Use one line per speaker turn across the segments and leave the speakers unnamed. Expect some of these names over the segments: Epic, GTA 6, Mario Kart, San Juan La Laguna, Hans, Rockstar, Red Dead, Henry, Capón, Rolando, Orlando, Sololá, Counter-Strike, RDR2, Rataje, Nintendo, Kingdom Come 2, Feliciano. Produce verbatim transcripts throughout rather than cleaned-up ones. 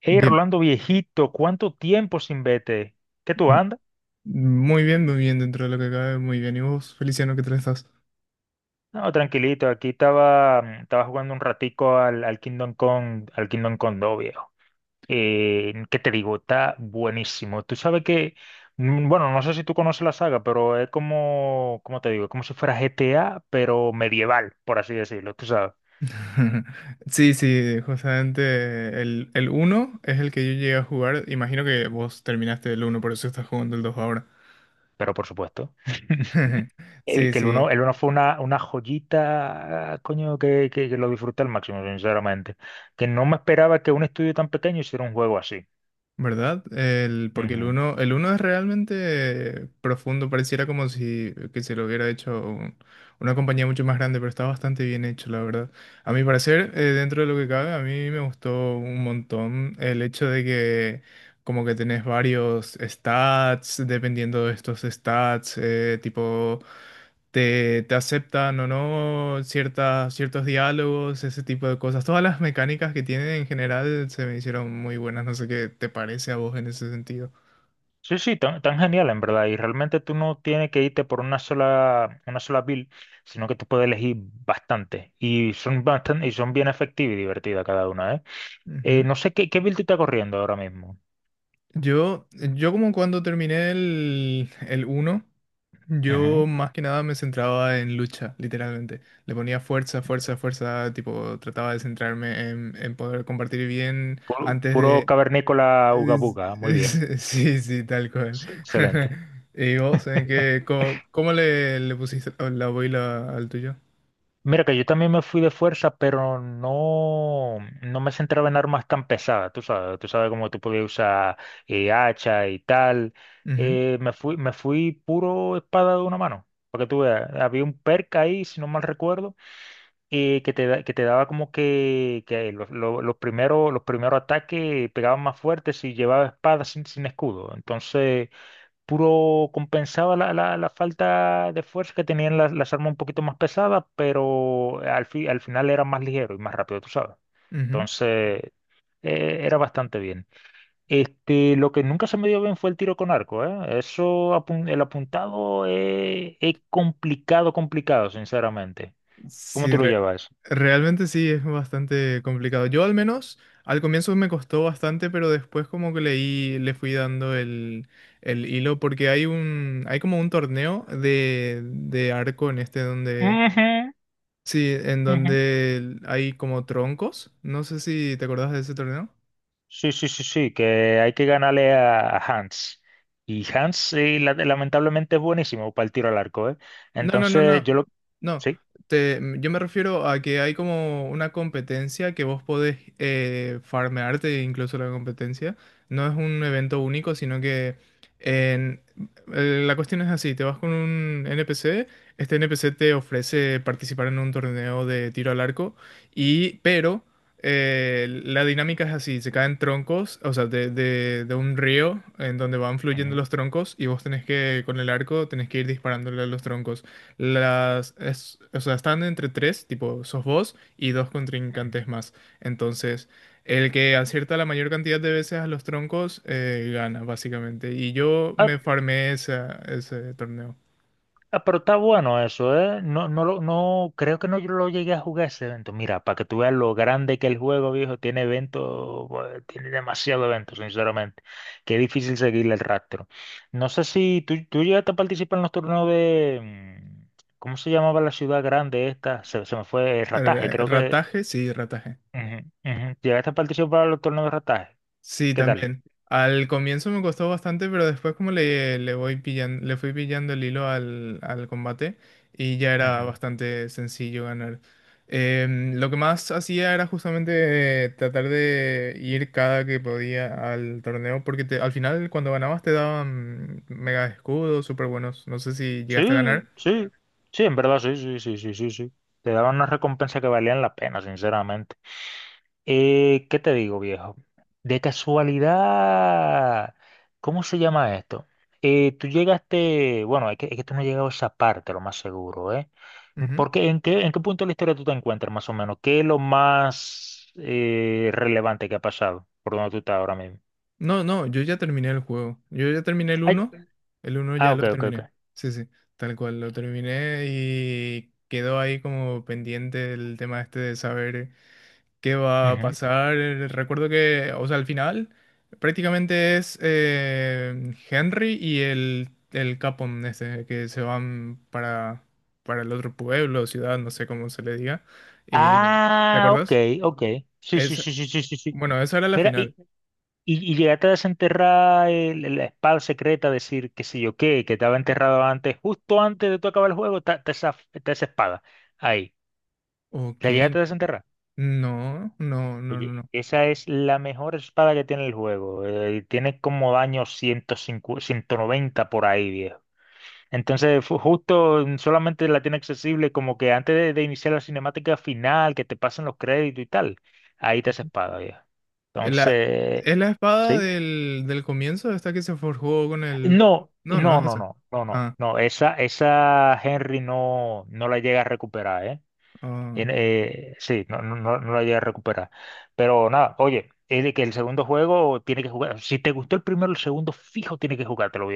Hey,
Bien,
Rolando viejito, ¿cuánto tiempo sin vete? ¿Qué tú
m-
andas?
muy bien, muy bien dentro de lo que cabe, muy bien. ¿Y vos, Feliciano, qué tal estás?
No, tranquilito, aquí estaba, mm, estaba jugando un ratico al, al Kingdom Come, al Kingdom Come dos, viejo. Eh, ¿qué te digo? Está buenísimo. Tú sabes que, mm, bueno, no sé si tú conoces la saga, pero es como, ¿cómo te digo? Es como si fuera G T A, pero medieval, por así decirlo, tú sabes.
Sí, sí, justamente el, el uno es el que yo llegué a jugar. Imagino que vos terminaste el uno por eso estás jugando el dos ahora.
Pero por supuesto. El,
Sí,
que el uno,
sí.
el uno fue una, una joyita, coño, que, que- que lo disfruté al máximo, sinceramente. Que no me esperaba que un estudio tan pequeño hiciera un juego así.
¿Verdad? El, porque el
Ujú.
uno el uno es realmente profundo, pareciera como si que se lo hubiera hecho un- una compañía mucho más grande, pero está bastante bien hecho, la verdad. A mi parecer, eh, dentro de lo que cabe, a mí me gustó un montón el hecho de que como que tenés varios stats, dependiendo de estos stats, eh, tipo te, te aceptan o no ciertas, ciertos diálogos, ese tipo de cosas. Todas las mecánicas que tienen en general se me hicieron muy buenas. No sé qué te parece a vos en ese sentido.
Sí, sí, tan, tan genial en verdad. Y realmente tú no tienes que irte por una sola, una sola build, sino que tú puedes elegir bastante. Y son bastante, y son bien efectivas y divertidas cada una, ¿eh? Eh,
Ujú.
no sé qué, qué build tú estás corriendo ahora mismo.
Yo, yo como cuando terminé el, el uno
Ujú.
yo más que nada me centraba en lucha, literalmente. Le ponía fuerza, fuerza, fuerza, tipo trataba de centrarme en, en poder compartir bien
Puro,
antes
puro
de,
cavernícola
Es-
ugabuga, muy bien.
es- sí, sí, tal cual.
Excelente.
¿Y vos, en qué, cómo, cómo le, le pusiste la la boila al tuyo?
Mira que yo también me fui de fuerza, pero no, no me centraba en armas tan pesadas, tú sabes, tú sabes cómo tú podías usar eh, hacha y tal.
Ujú,
Eh, me fui, me fui puro espada de una mano, para que tú veas. Había un perk ahí, si no mal recuerdo, eh, que te, da- que te daba como que, que los, lo- los primeros, los primeros ataques pegaban más fuerte si llevaba espada sin, sin escudo. Entonces puro compensaba la, la- la falta de fuerza que tenían las, las armas un poquito más pesadas, pero al, fi- al final era más ligero y más rápido, tú sabes.
ujú.
Entonces, eh, era bastante bien. Este, lo que nunca se me dio bien fue el tiro con arco, ¿eh? Eso, apun- el apuntado eh, es complicado, complicado, sinceramente. ¿Cómo
Sí,
tú lo
re-
llevas?
realmente sí, es bastante complicado. Yo al menos al comienzo me costó bastante, pero después como que leí, le fui dando el, el hilo, porque hay un, hay como un torneo de, de arco en este donde,
Ujú,
sí, en
ujú.
donde hay como troncos. No sé si te acordás de ese torneo.
Sí, sí, sí, sí, que hay que ganarle a Hans. Y Hans, sí, la- lamentablemente es buenísimo para el tiro al arco, ¿eh?
No, no, no,
Entonces,
no.
yo lo...
No.
Sí.
Te- mm, yo me refiero a que hay como una competencia que vos podés eh, farmearte incluso la competencia. No es un evento único, sino que en- eh, la cuestión es así, te vas con un N P C, este N P C te ofrece participar en un torneo de tiro al arco, y pero eh, la dinámica es así, se caen troncos, o sea, de, de- de un río en donde van fluyendo
Ujú.
los troncos y vos tenés que, con el arco, tenés que ir disparándole a los troncos. Las, es- o sea, están entre tres, tipo, sos vos y dos contrincantes más. Entonces, el que acierta la mayor cantidad de veces a los troncos eh, gana, básicamente. Y yo
Ah,
me farmé esa- ese torneo.
ah, pero está bueno eso, ¿eh? No, no, lo- no, creo que no yo lo llegué a jugar ese evento. Mira, para que tú veas lo grande que el juego, viejo, tiene eventos, bueno, tiene demasiado eventos, sinceramente. Qué difícil seguirle el rastro. No sé si tú, tú llegaste a participar en los torneos de, mm, ¿cómo se llamaba la ciudad grande esta? Se, se me fue, eh, Rataje,
Eh,
creo que.
Rataje, sí, rataje.
Ujú, ujú. Llegaste a participar en los torneos de Rataje.
Sí,
¿Qué tal?
también. Al comienzo me costó bastante, pero después como le, le voy pillan, le fui pillando el hilo al, al combate y ya era
Ujú.
bastante sencillo ganar. Em, lo que más hacía era justamente eh, tratar de ir cada que podía al torneo, porque te- al final cuando ganabas te daban mega escudos súper buenos. No sé si llegaste a ganar.
Sí, sí, sí, en verdad, sí, sí, sí, sí, sí, sí. Te daban una recompensa que valían la pena, sinceramente. Eh, ¿qué te digo, viejo? De casualidad, ¿cómo se llama esto? Eh, tú llegaste, bueno, es que, es que tú no has llegado a esa parte, lo más seguro, ¿eh? Porque, ¿en qué, en qué punto de la historia tú te encuentras, más o menos? ¿Qué es lo más eh, relevante que ha pasado por donde tú estás ahora mismo?
No, no, yo ya terminé el juego. Yo ya terminé el
Ay,
uno. El uno
ah,
ya lo
ok, ok, ok.
terminé. Sí, sí, tal cual, lo terminé y quedó ahí como pendiente el tema este de saber qué va a
Ujú.
pasar. Recuerdo que, o sea, al final prácticamente es eh, Henry y el, el Capón este, que se van para, para el otro pueblo, ciudad, no sé cómo se le diga. Y, ¿te
Ah, ok,
acordás?
ok. Sí, sí,
Es,
sí, sí, sí, sí, sí.
bueno, esa era la
Mira, y,
final.
y, y llegaste a desenterrar el- el- la espada secreta, decir que sí yo qué, que estaba enterrado antes, justo antes de tú acabar el juego, está está esa, está esa espada. Ahí,
Ok,
la llegaste a desenterrar.
no, no, no, no,
Oye,
no.
esa es la mejor espada que tiene el juego. eh, tiene como daño ciento cincuenta ciento noventa por ahí, viejo. Entonces, fu- justo mm, solamente la tiene accesible como que antes de, de iniciar la cinemática final, que te pasen los créditos y tal. Ahí está esa
Ujú.
espada, viejo.
La,
Entonces,
es la espada
sí,
del, del comienzo, esta que se forjó con el…
no,
No, no,
no,
es
no,
esa.
no, no, no,
Ah,
no, esa, esa Henry no, no la llega a recuperar, ¿eh? En-
ah,
eh, sí, no, no, no no la llega a recuperar. Pero nada, oye, es de que el segundo juego tiene que jugar, si te gustó el primero, el segundo fijo tiene que jugártelo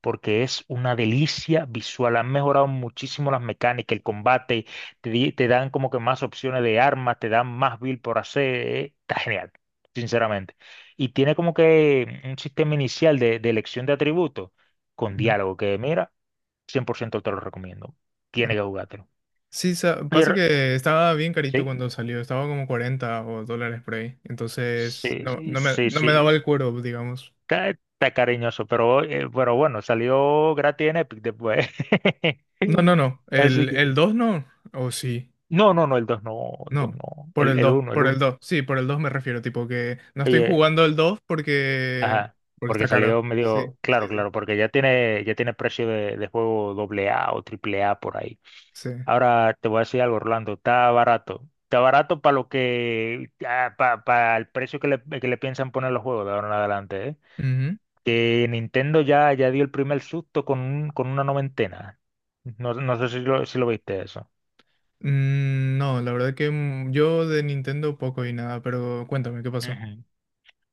porque es una delicia visual. Han mejorado muchísimo las mecánicas, el combate, te, di- te dan como que más opciones de armas, te dan más build por hacer. eh, Está genial, sinceramente. Y tiene como que un sistema inicial de, de elección de atributos con
ujú,
diálogo, que mira, cien por ciento te lo recomiendo.
ah.
Tiene que jugártelo.
Sí, sa-
Y
pasa
re-
que estaba bien carito
Sí,
cuando salió, estaba como cuarenta o dólares por ahí. Entonces,
sí,
no,
sí,
no me,
sí,
no me daba
sí.
el cuero, digamos.
Está, está cariñoso, pero, eh, pero bueno, salió gratis en Epic después.
No, no, no.
Así
El,
que...
el dos no. O sí.
No, no, no, el dos no, el dos
No.
no,
Por
el,
el
el
dos
uno, el
por el
uno.
dos sí, por el dos me refiero. Tipo que no estoy
Oye,
jugando el dos porque,
ajá,
porque
porque
está caro.
salió
Sí,
medio,
sí,
claro,
sí.
claro, porque ya tiene, ya tiene precio de, de juego doble A o triple A por ahí.
Sí.
Ahora te voy a decir algo, Orlando, está barato. Está barato para lo que, para, el precio que le, que le piensan poner los juegos de ahora en adelante, ¿eh?
Ujú.
Que Nintendo ya, ya dio el primer susto con, un- con una noventena. No, no sé si lo, si lo viste eso.
Mm, no, la verdad que mm, yo de Nintendo poco y nada, pero cuéntame, ¿qué pasó?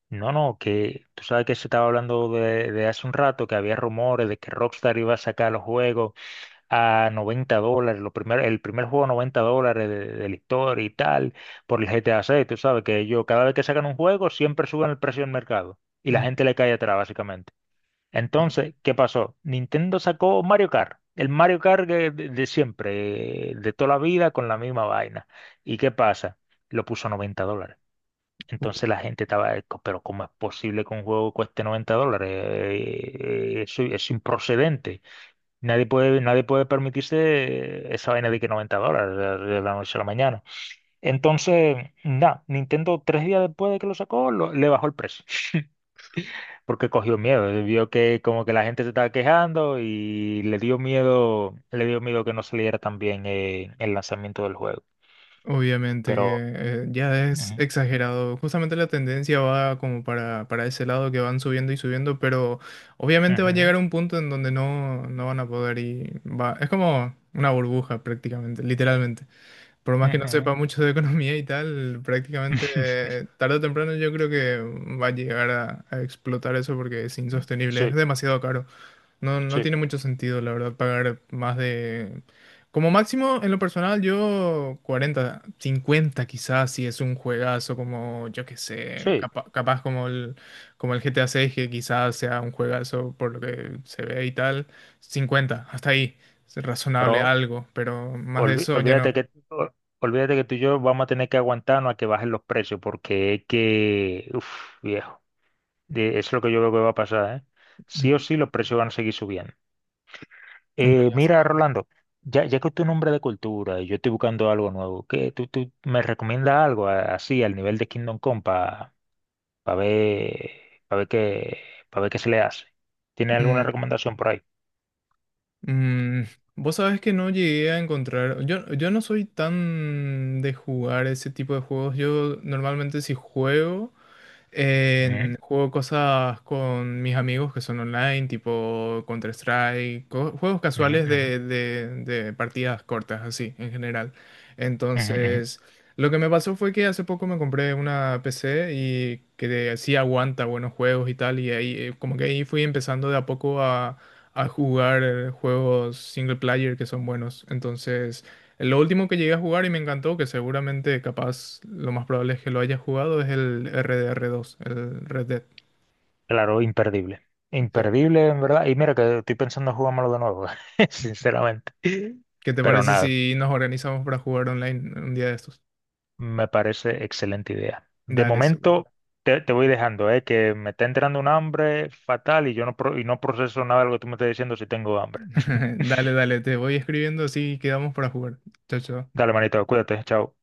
No, no, que tú sabes que se estaba hablando de, de hace un rato que había rumores de que Rockstar iba a sacar los juegos a noventa dólares, lo primer- el primer juego a noventa dólares de, de la historia y tal, por el G T A seis. Tú sabes que ellos cada vez que sacan un juego siempre suben el precio del mercado y la
Mm,
gente le cae atrás, básicamente.
ah,
Entonces, ¿qué pasó? Nintendo sacó Mario Kart, el Mario Kart de, de- de siempre, eh, de toda la vida, con la misma vaina. ¿Y qué pasa? Lo puso a noventa dólares. Entonces la gente estaba, eh, co- pero ¿cómo es posible que un juego cueste noventa dólares? Eh, eh, Eso es improcedente. Nadie puede, nadie puede permitirse esa vaina de que noventa dólares de de la noche a la mañana. Entonces, nada, Nintendo tres días después de que lo sacó, lo- le bajó el precio, porque cogió miedo, eh, vio que como que la gente se estaba quejando y le dio miedo, le dio miedo que no saliera tan bien eh, el lanzamiento del juego.
Obviamente que
Pero...
eh, ya es
ujú,
exagerado. Justamente la tendencia va como para, para ese lado que van subiendo y subiendo, pero obviamente va a
ujú,
llegar un punto en donde no, no van a poder y va. Es como una burbuja prácticamente, literalmente. Por más que no
ujú.
sepa mucho de economía y tal, prácticamente eh, tarde o temprano yo creo que va a llegar a a explotar eso porque es insostenible, es
Sí,
demasiado caro. No, no
sí.
tiene mucho sentido, la verdad, pagar más de… Como máximo, en lo personal, yo cuarenta cincuenta quizás, si es un juegazo como, yo qué sé,
Sí,
capa- capaz como el, como el G T A seis, que quizás sea un juegazo por lo que se ve y tal. Cincuenta hasta ahí, es razonable
pero
algo, pero más de
olvi-
eso ya no.
olvídate que, o- olvídate que tú y yo vamos a tener que aguantarnos a que bajen los precios, porque es que, uff, viejo, de- es lo que yo veo que va a pasar, ¿eh? Sí o
Ujú,
sí los precios van a seguir subiendo.
una
Eh, mira,
lástima.
Rolando, ya, ya que tú eres un hombre de cultura y yo estoy buscando algo nuevo, ¿qué, tú, tú me recomiendas algo a- así al nivel de Kingdom Come para ver, pa ver qué, para ver qué se le hace? ¿Tiene alguna
Mm.
recomendación por ahí?
Mm, vos sabés que no llegué a encontrar. Yo, yo no soy tan de jugar ese tipo de juegos. Yo normalmente si juego.
Ujú,
En- juego cosas con mis amigos que son online, tipo Counter-Strike, co- juegos
ujú,
casuales
ujú,
de, de- de partidas cortas, así, en general.
ujú, ujú.
Entonces, lo que me pasó fue que hace poco me compré una P C y que sí aguanta buenos juegos y tal, y ahí eh, como que ahí fui empezando de a poco a, a jugar eh, juegos single player que son buenos. Entonces… Lo último que llegué a jugar y me encantó, que seguramente capaz lo más probable es que lo hayas jugado, es el R D R dos, el Red Dead.
Claro, imperdible.
Sí.
Imperdible, en verdad. Y mira que estoy pensando en jugármelo de nuevo, sinceramente.
¿Qué te
Pero
parece
nada,
si nos organizamos para jugar online un día de estos?
me parece excelente idea. De
Dale, súper.
momento te, te voy dejando, ¿eh? Que me está entrando un hambre fatal y yo no, pro- y no proceso nada de lo que tú me estás diciendo si tengo hambre.
Dale, dale, te voy escribiendo así quedamos para jugar. Chao, chao.
Dale, manito, cuídate, chao.